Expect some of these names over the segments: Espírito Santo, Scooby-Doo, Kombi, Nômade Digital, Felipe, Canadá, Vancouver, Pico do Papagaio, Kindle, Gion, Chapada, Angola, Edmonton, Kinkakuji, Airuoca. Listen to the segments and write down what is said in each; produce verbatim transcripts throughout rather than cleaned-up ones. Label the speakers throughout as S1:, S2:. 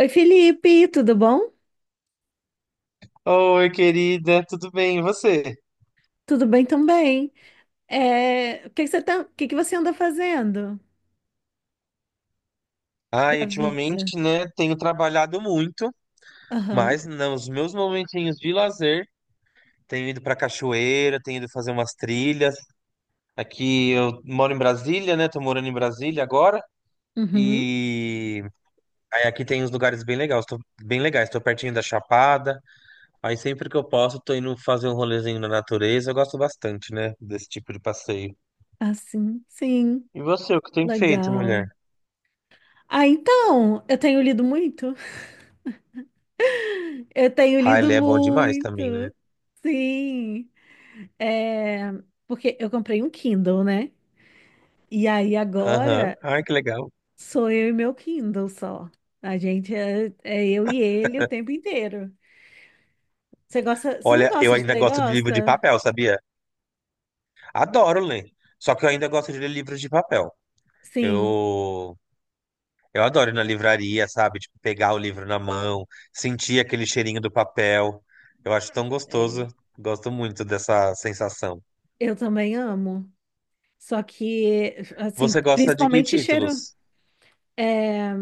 S1: Oi, Felipe, tudo bom?
S2: Oi, querida, tudo bem? E você?
S1: Tudo bem também. É, o que que você tá, o que que você anda fazendo
S2: Ai,
S1: da vida?
S2: ultimamente, né, tenho trabalhado muito,
S1: Aham,
S2: mas nos meus momentinhos de lazer, tenho ido pra cachoeira, tenho ido fazer umas trilhas. Aqui eu moro em Brasília, né? Tô morando em Brasília agora.
S1: uhum,
S2: E aí aqui tem uns lugares bem legais, tô bem legais, tô pertinho da Chapada. Aí sempre que eu posso, tô indo fazer um rolezinho na natureza. Eu gosto bastante, né, desse tipo de passeio.
S1: assim, sim,
S2: E você, o que tem feito,
S1: legal.
S2: mulher?
S1: Ah, então, eu tenho lido muito. Eu tenho
S2: Ah,
S1: lido
S2: ele é bom demais
S1: muito,
S2: também, né?
S1: sim. É, porque eu comprei um Kindle, né? E aí
S2: Aham.
S1: agora
S2: Ai, que legal.
S1: sou eu e meu Kindle só. A gente é, é eu e ele o tempo inteiro. Você gosta, você não
S2: Olha, eu
S1: gosta de
S2: ainda
S1: ler,
S2: gosto de livro de
S1: gosta?
S2: papel, sabia? Adoro ler. Só que eu ainda gosto de ler livros de papel.
S1: Sim,
S2: Eu, eu adoro ir na livraria, sabe? Tipo, pegar o livro na mão, sentir aquele cheirinho do papel. Eu acho tão
S1: é,
S2: gostoso. Gosto muito dessa sensação.
S1: eu também amo. Só que, assim,
S2: Você gosta de que
S1: principalmente cheiro.
S2: títulos?
S1: É,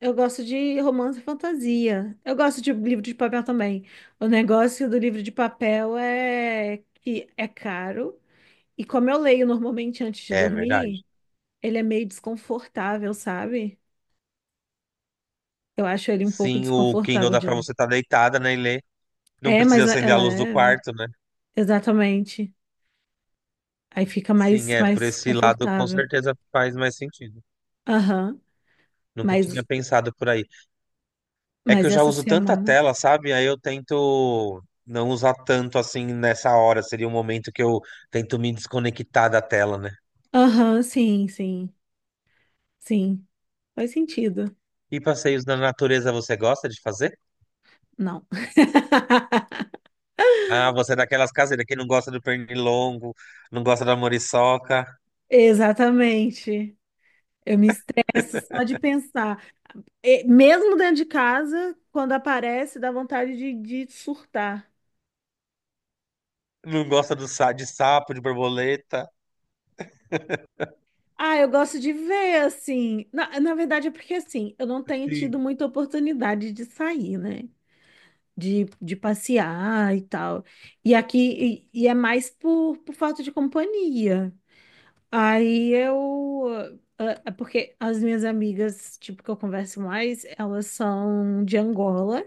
S1: eu gosto de romance e fantasia. Eu gosto de livro de papel também. O negócio do livro de papel é que é caro. E como eu leio normalmente antes de
S2: É verdade.
S1: dormir, ele é meio desconfortável, sabe? Eu acho ele um pouco
S2: Sim, o Kindle
S1: desconfortável
S2: dá
S1: de
S2: pra
S1: ler.
S2: você estar deitada, né, e ler. Não
S1: É,
S2: precisa
S1: mas le- é
S2: acender a luz do
S1: leve.
S2: quarto, né?
S1: Exatamente. Aí fica
S2: Sim,
S1: mais,
S2: é, por
S1: mais
S2: esse lado com
S1: confortável.
S2: certeza faz mais sentido.
S1: Aham.
S2: Nunca tinha
S1: Mas
S2: pensado por aí. É que
S1: Mas
S2: eu já
S1: essa
S2: uso tanta
S1: semana.
S2: tela, sabe? Aí eu tento não usar tanto assim nessa hora. Seria um momento que eu tento me desconectar da tela, né?
S1: Aham, sim, sim, sim. Faz sentido.
S2: E passeios na natureza você gosta de fazer?
S1: Não.
S2: Ah, você é daquelas caseiras que não gosta do pernilongo, não gosta da muriçoca,
S1: Exatamente. Eu me estresso só de pensar. E mesmo dentro de casa, quando aparece, dá vontade de, de surtar.
S2: não gosta do sa de sapo, de borboleta.
S1: Ah, eu gosto de ver, assim. Na, na verdade, é porque, assim, eu não tenho
S2: Sim.
S1: tido muita oportunidade de sair, né? De, de passear e tal. E aqui, e, e é mais por, por falta de companhia. Aí eu. Ah, ah, Porque as minhas amigas, tipo, que eu converso mais, elas são de Angola.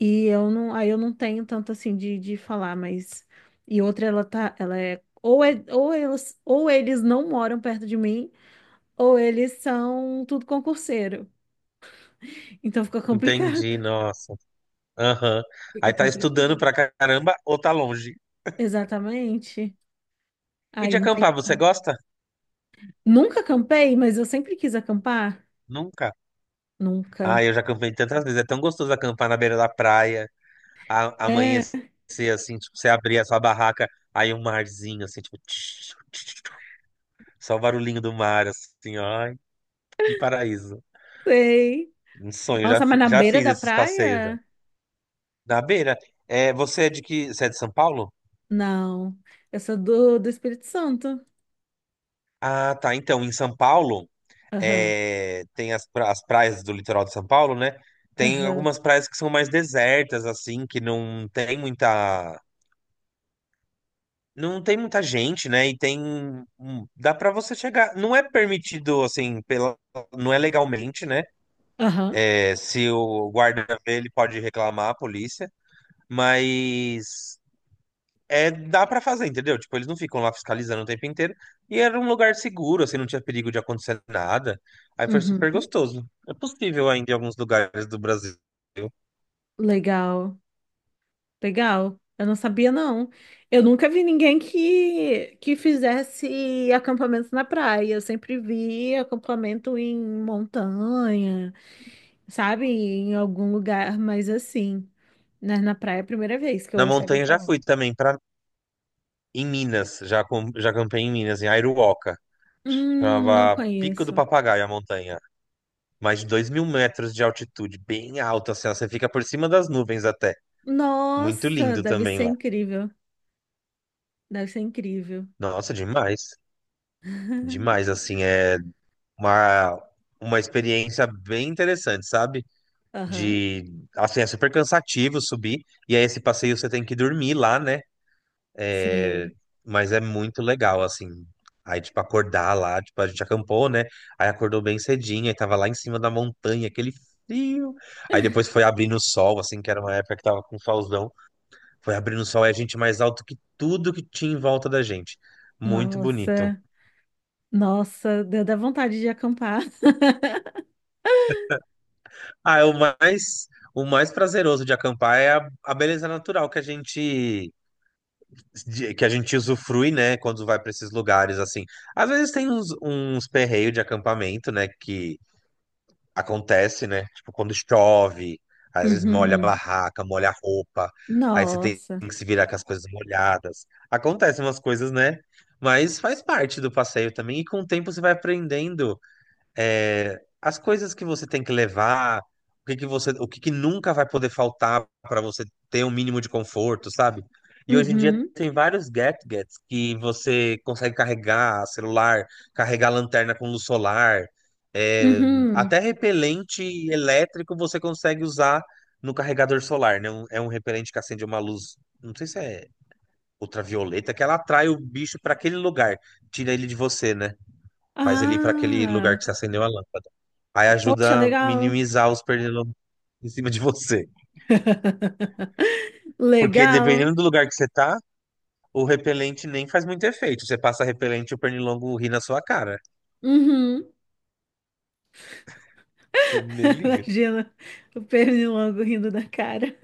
S1: E eu não. Aí eu não tenho tanto assim de, de falar, mas. E outra, ela tá. Ela é. Ou, é, ou, elas, ou eles não moram perto de mim, ou eles são tudo concurseiro. Então fica complicado.
S2: Entendi, nossa. Aham. Aí
S1: Fica
S2: tá estudando
S1: complicado.
S2: pra caramba ou tá longe?
S1: Exatamente.
S2: E
S1: Aí
S2: de
S1: não tem
S2: acampar, você
S1: como.
S2: gosta?
S1: Nunca acampei, mas eu sempre quis acampar.
S2: Nunca. Ah,
S1: Nunca.
S2: eu já acampei tantas vezes. É tão gostoso acampar na beira da praia a-
S1: É,
S2: amanhecer assim, tipo, você abrir a sua barraca, aí um marzinho assim, tipo, tch, tch, tch, tch, só o barulhinho do mar, assim, ó, ai, que paraíso.
S1: sei.
S2: Um sonho, já,
S1: Nossa, mas
S2: fi-
S1: na
S2: já
S1: beira
S2: fiz
S1: da
S2: esses passeios já.
S1: praia?
S2: Na beira, é, você é de que, você é de São Paulo?
S1: Não. Eu sou do, do Espírito Santo.
S2: Ah, tá. Então, em São Paulo,
S1: Aham,
S2: é, tem as, pra- as praias do litoral de São Paulo, né? Tem
S1: aham,
S2: algumas praias que são mais desertas, assim, que não tem muita. Não tem muita gente, né? E tem. hum, Dá pra você chegar. Não é permitido, assim, pela... não é legalmente, né?
S1: aham.
S2: É, se o guarda ver, ele pode reclamar à polícia. Mas. É, dá pra fazer, entendeu? Tipo, eles não ficam lá fiscalizando o tempo inteiro. E era um lugar seguro, assim, não tinha perigo de acontecer nada. Aí foi
S1: Uhum.
S2: super gostoso. É possível ainda em alguns lugares do Brasil.
S1: Legal, legal. Eu não sabia, não. Eu nunca vi ninguém que, que fizesse acampamento na praia. Eu sempre vi acampamento em montanha, sabe? Em algum lugar, mas assim, né? Na praia é a primeira vez que eu
S2: Na
S1: ouço alguém
S2: montanha já
S1: falar.
S2: fui também, pra... em Minas. Já, com... já campei em Minas, em Airuoca.
S1: Hum, não
S2: Chamava Pico do
S1: conheço.
S2: Papagaio a montanha. Mais de dois mil metros de altitude, bem alto, assim, ó, você fica por cima das nuvens até. Muito
S1: Nossa,
S2: lindo
S1: deve
S2: também
S1: ser
S2: lá.
S1: incrível. Deve ser incrível.
S2: Nossa, demais. Demais, assim, é uma, uma experiência bem interessante, sabe?
S1: Aham.
S2: De, assim, é super cansativo subir, e aí esse passeio você tem que dormir lá, né? É,
S1: Sim.
S2: mas é muito legal, assim. Aí, tipo, acordar lá, tipo, a gente acampou, né? Aí acordou bem cedinho, aí tava lá em cima da montanha, aquele frio. Aí depois foi abrindo o sol, assim, que era uma época que tava com solzão. Foi abrindo o sol e a gente mais alto que tudo que tinha em volta da gente. Muito bonito.
S1: Nossa, nossa, deu da vontade de acampar.
S2: Ah, é o mais o mais prazeroso de acampar é a, a beleza natural que a gente de- que a gente usufrui, né, quando vai para esses lugares assim. Às vezes tem uns, uns perreios de acampamento, né, que acontece, né? Tipo, quando chove, às vezes molha a
S1: Uhum.
S2: barraca, molha a roupa, aí você tem
S1: Nossa.
S2: que se virar com as coisas molhadas. Acontecem umas coisas, né? Mas faz parte do passeio também, e com o tempo você vai aprendendo é, as coisas que você tem que levar, o que que você, o que que nunca vai poder faltar para você ter um mínimo de conforto, sabe? E hoje em dia
S1: Uhum.
S2: tem vários gadgets que você consegue carregar celular, carregar lanterna com luz solar, é,
S1: Uhum.
S2: até repelente elétrico você consegue usar no carregador solar, né? Um- É um repelente que acende uma luz, não sei se é ultravioleta, que ela atrai o bicho para aquele lugar, tira ele de você, né? Faz ele ir para aquele lugar
S1: Ah,
S2: que você acendeu a lâmpada. Aí
S1: poxa,
S2: ajuda a
S1: legal.
S2: minimizar os pernilongos em cima de você. Porque
S1: Legal.
S2: dependendo do lugar que você tá, o repelente nem faz muito efeito. Você passa repelente e o pernilongo ri na sua cara.
S1: Uhum.
S2: Nem liga.
S1: Imagina o pernilongo rindo da cara.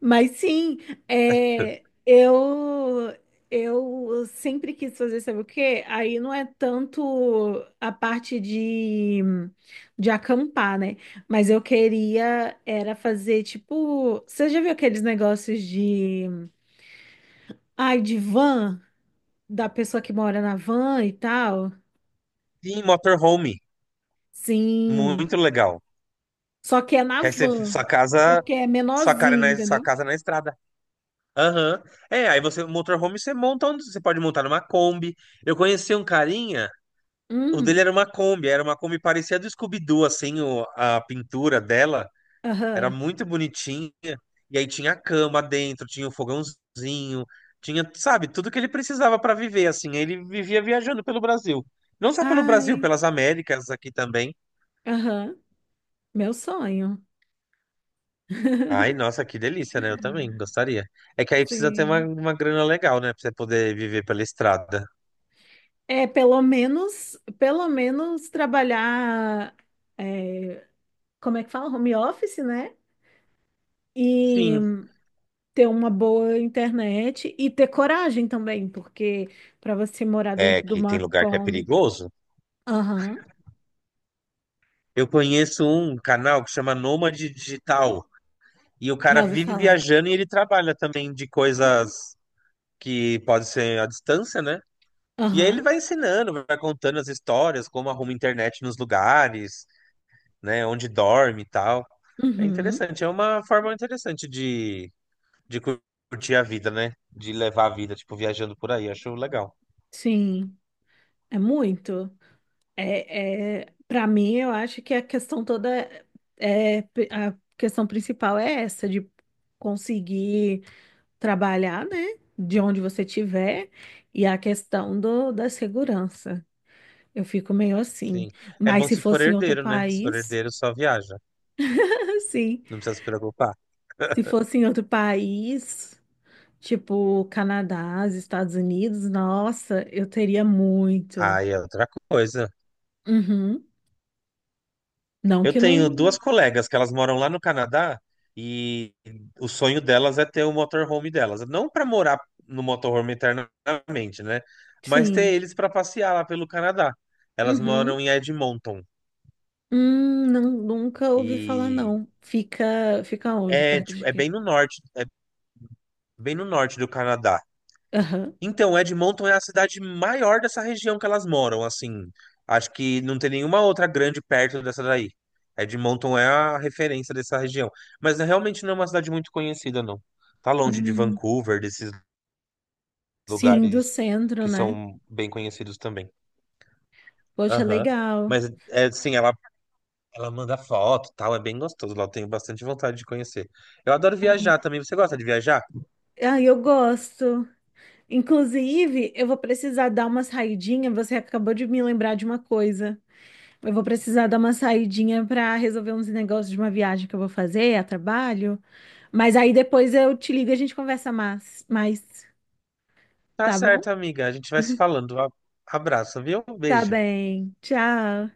S1: Mas sim, é, eu eu sempre quis fazer, sabe o quê? Aí não é tanto a parte de, de acampar, né? Mas eu queria era fazer tipo, você já viu aqueles negócios de, ai, de van, da pessoa que mora na van e tal?
S2: Sim, motorhome.
S1: Sim,
S2: Muito legal.
S1: só que é na
S2: Que aí você,
S1: van,
S2: sua casa,
S1: porque é
S2: sua cara
S1: menorzinho,
S2: na, sua
S1: entendeu?
S2: casa na estrada. Aham. É, aí você, motorhome, você monta onde você pode montar numa Kombi. Eu conheci um carinha, o dele
S1: Hum,
S2: era uma Kombi, era uma Kombi parecia do Scooby-Doo, assim, o- a pintura dela. Era
S1: aham.
S2: muito bonitinha. E aí tinha a cama dentro, tinha o fogãozinho, tinha, sabe, tudo que ele precisava para viver, assim. Ele vivia viajando pelo Brasil. Não só pelo Brasil,
S1: Ai,
S2: pelas Américas aqui também.
S1: aham. Meu sonho.
S2: Ai, nossa, que delícia, né? Eu também gostaria. É que aí precisa ter uma,
S1: Sim.
S2: uma grana legal, né? Pra você poder viver pela estrada.
S1: É, pelo menos, pelo menos trabalhar, é, como é que fala? Home office, né? E
S2: Sim.
S1: ter uma boa internet e ter coragem também, porque para você morar
S2: É
S1: dentro de
S2: que tem
S1: uma
S2: lugar que é
S1: Kombi.
S2: perigoso.
S1: Aham,
S2: Eu conheço um canal que chama Nômade Digital. E o cara
S1: já ouvi
S2: vive
S1: falar.
S2: viajando e ele trabalha também de coisas que pode ser à distância, né? E aí
S1: Aham,
S2: ele vai ensinando, vai contando as histórias, como arruma internet nos lugares, né, onde dorme e tal. É
S1: uhum,
S2: interessante, é uma forma interessante de, de cur- curtir a vida, né? De levar a vida, tipo, viajando por aí, acho legal.
S1: sim, é muito. É, é, para mim, eu acho que a questão toda, é, é, a questão principal é essa, de conseguir. Trabalhar, né? De onde você tiver e a questão do, da segurança. Eu fico meio assim.
S2: Sim. É
S1: Mas
S2: bom
S1: se
S2: se for
S1: fosse em outro
S2: herdeiro, né? Se for
S1: país,
S2: herdeiro, só viaja.
S1: assim,
S2: Não precisa se preocupar.
S1: se fosse em outro país, tipo Canadá, os Estados Unidos, nossa, eu teria muito.
S2: Aí é outra coisa.
S1: Uhum. Não
S2: Eu
S1: que
S2: tenho
S1: não.
S2: duas colegas que elas moram lá no Canadá e o sonho delas é ter o motorhome delas. Não para morar no motorhome eternamente, né? Mas
S1: Sim.
S2: ter eles para passear lá pelo Canadá. Elas
S1: Uhum.
S2: moram em Edmonton
S1: Hum, não, nunca ouvi falar,
S2: e
S1: não. Fica, fica onde?
S2: é,
S1: Perto de
S2: tipo, é
S1: quê?
S2: bem no norte, é bem no norte do Canadá.
S1: Aham.
S2: Então, Edmonton é a cidade maior dessa região que elas moram, assim. Acho que não tem nenhuma outra grande perto dessa daí. Edmonton é a referência dessa região. Mas né, realmente não é uma cidade muito conhecida, não. Tá longe de
S1: Hum.
S2: Vancouver, desses
S1: Sim, do
S2: lugares
S1: centro,
S2: que
S1: né?
S2: são bem conhecidos também.
S1: Poxa,
S2: Aham.
S1: legal.
S2: Mas, é, assim, ela, ela manda foto e tal, é bem gostoso. Lá eu tenho bastante vontade de conhecer. Eu adoro viajar também. Você gosta de viajar?
S1: Ah, eu gosto. Inclusive, eu vou precisar dar uma saidinha. Você acabou de me lembrar de uma coisa. Eu vou precisar dar uma saidinha para resolver uns negócios de uma viagem que eu vou fazer a trabalho. Mas aí depois eu te ligo e a gente conversa mais, mais,
S2: Tá
S1: tá bom?
S2: certo, amiga. A gente vai se falando. A- Abraço, viu?
S1: Tá
S2: Beijo.
S1: bem. Tchau.